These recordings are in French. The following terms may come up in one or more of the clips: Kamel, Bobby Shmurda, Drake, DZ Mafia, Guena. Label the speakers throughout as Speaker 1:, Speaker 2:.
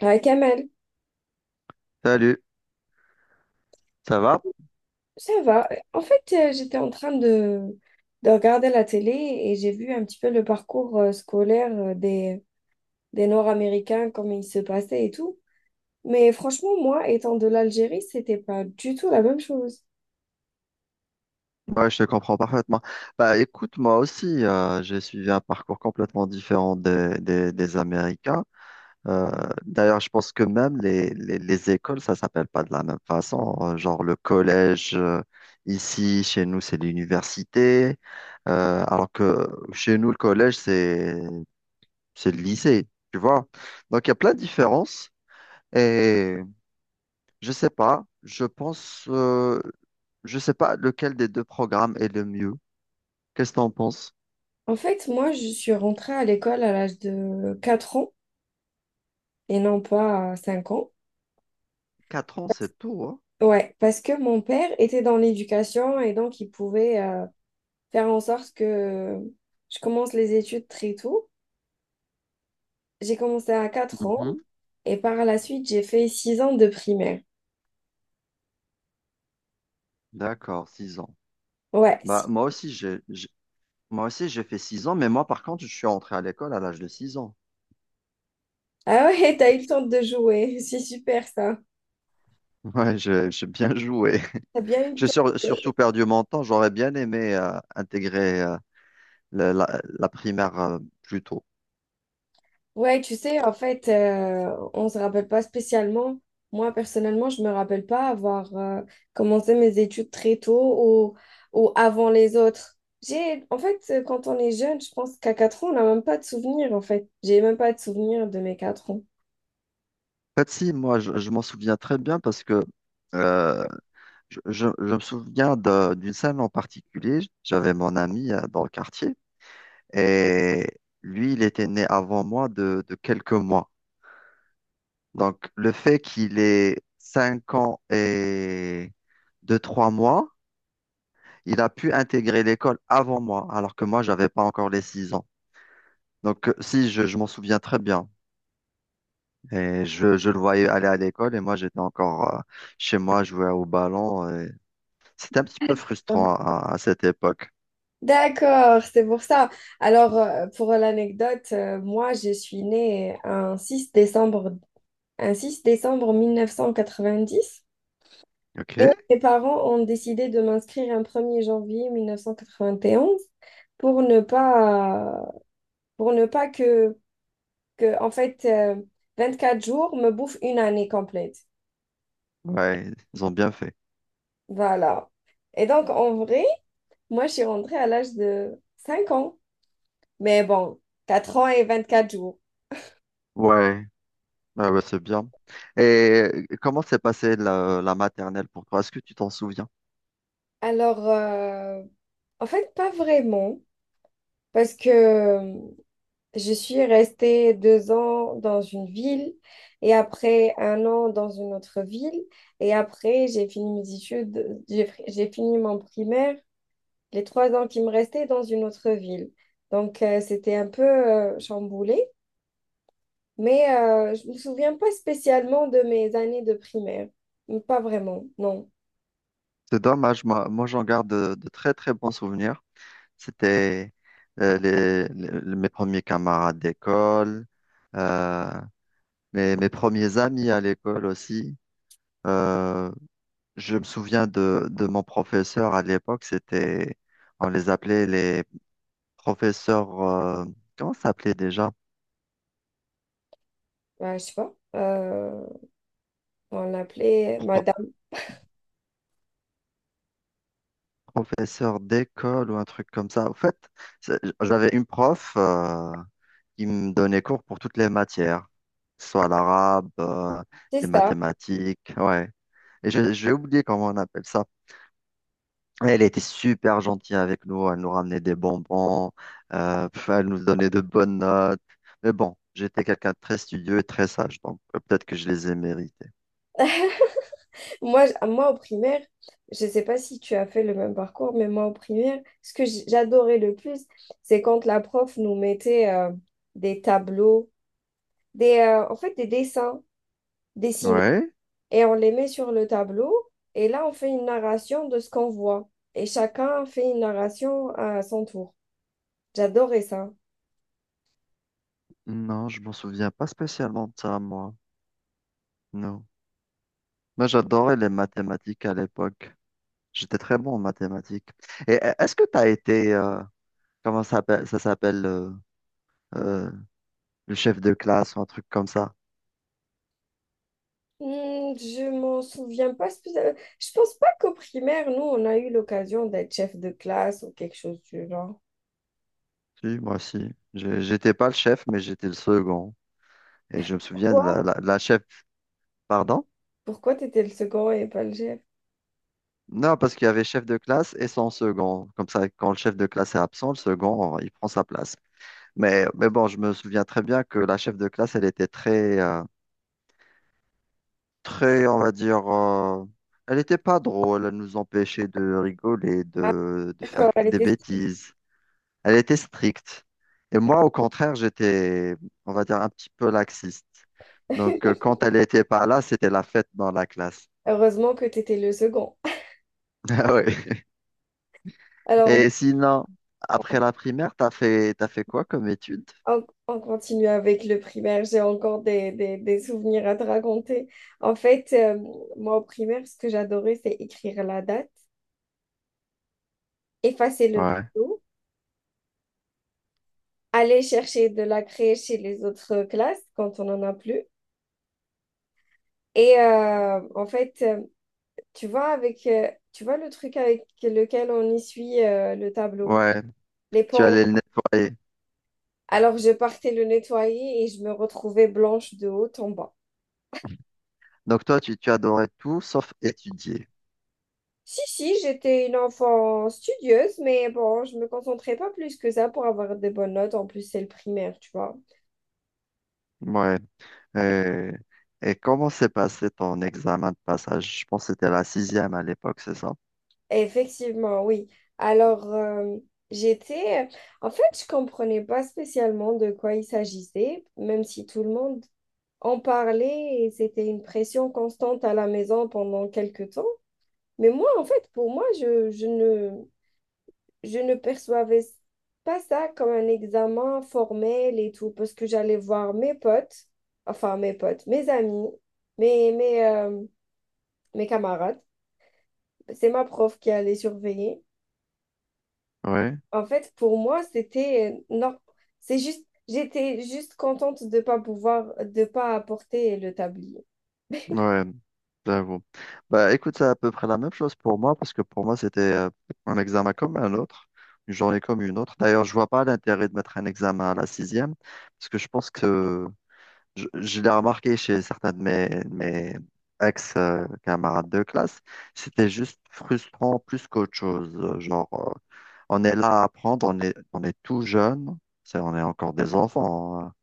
Speaker 1: Ouais, Kamel,
Speaker 2: Salut, ça va?
Speaker 1: ça va. En fait, j'étais en train de regarder la télé et j'ai vu un petit peu le parcours scolaire des Nord-Américains, comment il se passait et tout. Mais franchement, moi, étant de l'Algérie, c'était pas du tout la même chose.
Speaker 2: Ouais, je te comprends parfaitement. Bah écoute, moi aussi, j'ai suivi un parcours complètement différent des Américains. Euh, D'ailleurs, je pense que même les écoles, ça s'appelle pas de la même façon. Genre le collège, ici, chez nous, c'est l'université. Alors que chez nous, le collège, c'est le lycée, tu vois. Donc il y a plein de différences. Et je sais pas. Je pense, je sais pas lequel des deux programmes est le mieux. Qu'est-ce que t'en penses?
Speaker 1: En fait, moi, je suis rentrée à l'école à l'âge de 4 ans et non pas à 5 ans.
Speaker 2: Quatre ans, c'est tout, hein?
Speaker 1: Ouais, parce que mon père était dans l'éducation et donc il pouvait faire en sorte que je commence les études très tôt. J'ai commencé à quatre ans
Speaker 2: Mhm.
Speaker 1: et par la suite, j'ai fait 6 ans de primaire.
Speaker 2: D'accord, six ans.
Speaker 1: Ouais.
Speaker 2: Bah,
Speaker 1: Si.
Speaker 2: moi aussi, moi aussi, j'ai fait six ans, mais moi, par contre, je suis entré à l'école à l'âge de six ans.
Speaker 1: Ah ouais, t'as eu le temps de jouer. C'est super ça.
Speaker 2: Ouais, j'ai bien joué.
Speaker 1: T'as bien eu le
Speaker 2: J'ai
Speaker 1: temps.
Speaker 2: surtout perdu mon temps. J'aurais bien aimé intégrer la primaire plus tôt.
Speaker 1: Ouais, tu sais, en fait, on se rappelle pas spécialement. Moi, personnellement, je me rappelle pas avoir commencé mes études très tôt ou avant les autres. Quand on est jeune, je pense qu'à 4 ans, on n'a même pas de souvenirs, en fait. J'ai même pas de souvenirs de mes 4 ans.
Speaker 2: En fait, si, moi, je m'en souviens très bien parce que euh, je me souviens d'une scène en particulier. J'avais mon ami dans le quartier et lui, il était né avant moi de quelques mois. Donc, le fait qu'il ait 5 ans et deux trois mois, il a pu intégrer l'école avant moi, alors que moi, j'avais pas encore les 6 ans. Donc, si, je m'en souviens très bien. Et je le voyais aller à l'école et moi, j'étais encore chez moi, jouer au ballon. Et c'était un petit peu frustrant à cette époque.
Speaker 1: D'accord, c'est pour ça. Alors, pour l'anecdote, moi, je suis née un 6 décembre 1990, mais
Speaker 2: OK.
Speaker 1: mes parents ont décidé de m'inscrire un 1er janvier 1991 pour ne pas, pour ne pas que 24 jours me bouffent une année complète.
Speaker 2: Ouais, ils ont bien fait.
Speaker 1: Voilà. Et donc, en vrai, moi, je suis rentrée à l'âge de 5 ans, mais bon, 4 ans et 24 jours.
Speaker 2: Ouais, ouais, ouais, c'est bien. Et comment s'est passée la maternelle pour toi? Est-ce que tu t'en souviens?
Speaker 1: Alors, en fait, pas vraiment, parce que je suis restée deux ans dans une ville et après un an dans une autre ville et après j'ai fini mes études, j'ai fini mon primaire, les trois ans qui me restaient dans une autre ville. Donc, c'était un peu chamboulé, mais je me souviens pas spécialement de mes années de primaire. Pas vraiment, non.
Speaker 2: C'est dommage, moi, moi j'en garde de très très bons souvenirs. C'était mes premiers camarades d'école, euh, mes premiers amis à l'école aussi. Euh, je me souviens de mon professeur à l'époque, c'était, on les appelait les professeurs, comment ça s'appelait déjà?
Speaker 1: Ouais, je sais pas. On l'appelait Madame.
Speaker 2: Professeur d'école ou un truc comme ça. Au fait, j'avais une prof qui me donnait cours pour toutes les matières, que ce soit l'arabe,
Speaker 1: C'est
Speaker 2: les
Speaker 1: ça.
Speaker 2: mathématiques, ouais. Et j'ai oublié comment on appelle ça. Elle était super gentille avec nous, elle nous ramenait des bonbons, pff, elle nous donnait de bonnes notes. Mais bon, j'étais quelqu'un de très studieux et très sage, donc peut-être que je les ai mérités.
Speaker 1: Moi, au primaire, je ne sais pas si tu as fait le même parcours, mais moi, au primaire, ce que j'adorais le plus, c'est quand la prof nous mettait des tableaux, des dessins dessinés,
Speaker 2: Ouais?
Speaker 1: et on les met sur le tableau, et là, on fait une narration de ce qu'on voit, et chacun fait une narration à son tour. J'adorais ça.
Speaker 2: Non, je m'en souviens pas spécialement de ça, moi. Non. Moi, j'adorais les mathématiques à l'époque. J'étais très bon en mathématiques. Et est-ce que tu as été, comment ça s'appelle euh, le chef de classe ou un truc comme ça?
Speaker 1: Hmm, je m'en souviens pas spécialement. Je pense pas qu'au primaire, nous, on a eu l'occasion d'être chef de classe ou quelque chose du genre.
Speaker 2: Si, moi aussi. J'étais pas le chef, mais j'étais le second. Et je me souviens de
Speaker 1: Pourquoi?
Speaker 2: la chef, pardon?
Speaker 1: Pourquoi t'étais le second et pas le chef?
Speaker 2: Non, parce qu'il y avait chef de classe et son second. Comme ça, quand le chef de classe est absent, le second, il prend sa place. Mais bon, je me souviens très bien que la chef de classe, elle était très, très, on va dire, elle n'était pas drôle, elle nous empêchait de rigoler,
Speaker 1: Ah,
Speaker 2: de faire
Speaker 1: d'accord, elle
Speaker 2: des
Speaker 1: était...
Speaker 2: bêtises. Elle était stricte. Et moi, au contraire, j'étais, on va dire, un petit peu laxiste. Donc, quand elle n'était pas là, c'était la fête dans la classe.
Speaker 1: Heureusement que t'étais le second.
Speaker 2: Ah ouais.
Speaker 1: Alors,
Speaker 2: Et sinon, après la primaire, t'as fait quoi comme études?
Speaker 1: on continue avec le primaire. J'ai encore des souvenirs à te raconter. En fait, moi, au primaire, ce que j'adorais, c'est écrire la date, effacer le
Speaker 2: Ouais.
Speaker 1: tableau, aller chercher de la craie chez les autres classes quand on en a plus. Et tu vois, tu vois le truc avec lequel on essuie le tableau,
Speaker 2: Ouais,
Speaker 1: les
Speaker 2: tu
Speaker 1: pans.
Speaker 2: allais le nettoyer.
Speaker 1: Alors, je partais le nettoyer et je me retrouvais blanche de haut en bas.
Speaker 2: Donc, toi, tu adorais tout sauf étudier.
Speaker 1: Si, si, j'étais une enfant studieuse, mais bon, je me concentrais pas plus que ça pour avoir des bonnes notes. En plus, c'est le primaire, tu vois.
Speaker 2: Ouais. Euh, et comment s'est passé ton examen de passage? Je pense que c'était la sixième à l'époque, c'est ça?
Speaker 1: Effectivement, oui. Alors, j'étais... En fait, je comprenais pas spécialement de quoi il s'agissait, même si tout le monde on parlait et c'était une pression constante à la maison pendant quelques temps. Mais moi, en fait, pour moi, je ne percevais pas ça comme un examen formel et tout, parce que j'allais voir mes potes, enfin mes potes, mes amis, mes, mes, euh, mes camarades. C'est ma prof qui allait surveiller.
Speaker 2: Oui.
Speaker 1: En fait, pour moi, c'était non. C'est juste, j'étais juste contente de pas pouvoir, de pas apporter le tablier.
Speaker 2: Ouais, j'avoue. Bah écoute, c'est à peu près la même chose pour moi, parce que pour moi, c'était un examen comme un autre, une journée comme une autre. D'ailleurs, je vois pas l'intérêt de mettre un examen à la sixième, parce que je pense que je l'ai remarqué chez certains de de mes ex-camarades de classe, c'était juste frustrant plus qu'autre chose. Genre, on est là à apprendre, on est tout jeune, c'est, on est encore des enfants, hein.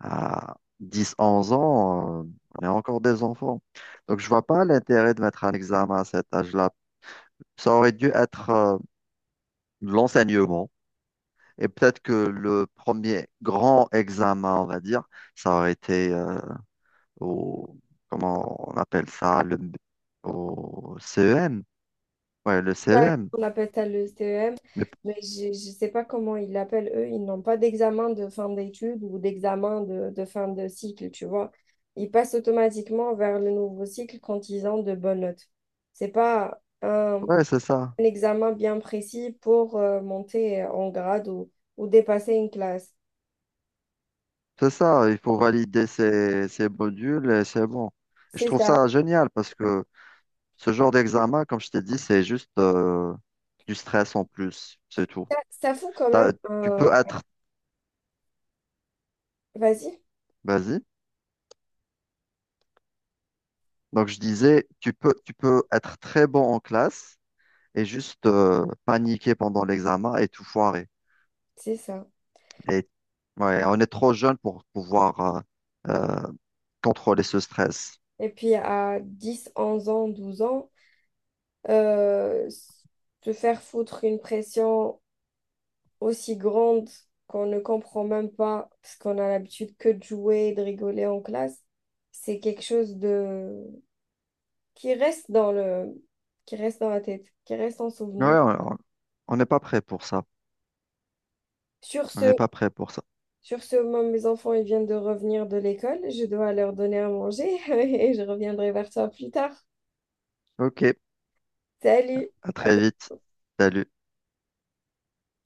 Speaker 2: À 10, 11 ans, on est encore des enfants. Donc, je vois pas l'intérêt de mettre un examen à cet âge-là. Ça aurait dû être l'enseignement. Et peut-être que le premier grand examen, on va dire, ça aurait été au, comment on appelle ça, le, au CEM. Ouais, le
Speaker 1: Ça,
Speaker 2: CEM.
Speaker 1: on appelle ça le CEM,
Speaker 2: Mais,
Speaker 1: mais je ne sais pas comment ils l'appellent eux. Ils n'ont pas d'examen de fin d'études ou d'examen de fin de cycle, tu vois. Ils passent automatiquement vers le nouveau cycle quand ils ont de bonnes notes. C'est pas un,
Speaker 2: ouais, c'est ça.
Speaker 1: un examen bien précis pour monter en grade ou dépasser une classe.
Speaker 2: C'est ça, il faut valider ces modules et c'est bon. Et je
Speaker 1: C'est
Speaker 2: trouve
Speaker 1: ça.
Speaker 2: ça génial parce que ce genre d'examen, comme je t'ai dit, c'est juste du stress en plus, c'est tout.
Speaker 1: Ça fout quand même
Speaker 2: T'as- Tu
Speaker 1: un...
Speaker 2: peux être,
Speaker 1: Vas-y,
Speaker 2: vas-y. Donc je disais, tu peux être très bon en classe et juste paniquer pendant l'examen et tout foirer.
Speaker 1: c'est ça.
Speaker 2: Et ouais, on est trop jeune pour pouvoir euh, contrôler ce stress.
Speaker 1: Et puis à 10, 11 ans, 12 ans, euh, se faire foutre une pression aussi grande qu'on ne comprend même pas parce qu'on a l'habitude que de jouer et de rigoler en classe, c'est quelque chose de... qui reste dans le... qui reste dans la tête, qui reste en
Speaker 2: Ouais,
Speaker 1: souvenir.
Speaker 2: on n'est pas prêt pour ça.
Speaker 1: Sur
Speaker 2: On n'est
Speaker 1: ce,
Speaker 2: pas prêt pour ça.
Speaker 1: Sur ce moment, mes enfants, ils viennent de revenir de l'école. Je dois leur donner à manger et je reviendrai vers toi plus tard.
Speaker 2: Ok,
Speaker 1: Salut,
Speaker 2: à
Speaker 1: à
Speaker 2: très
Speaker 1: bientôt.
Speaker 2: vite. Salut.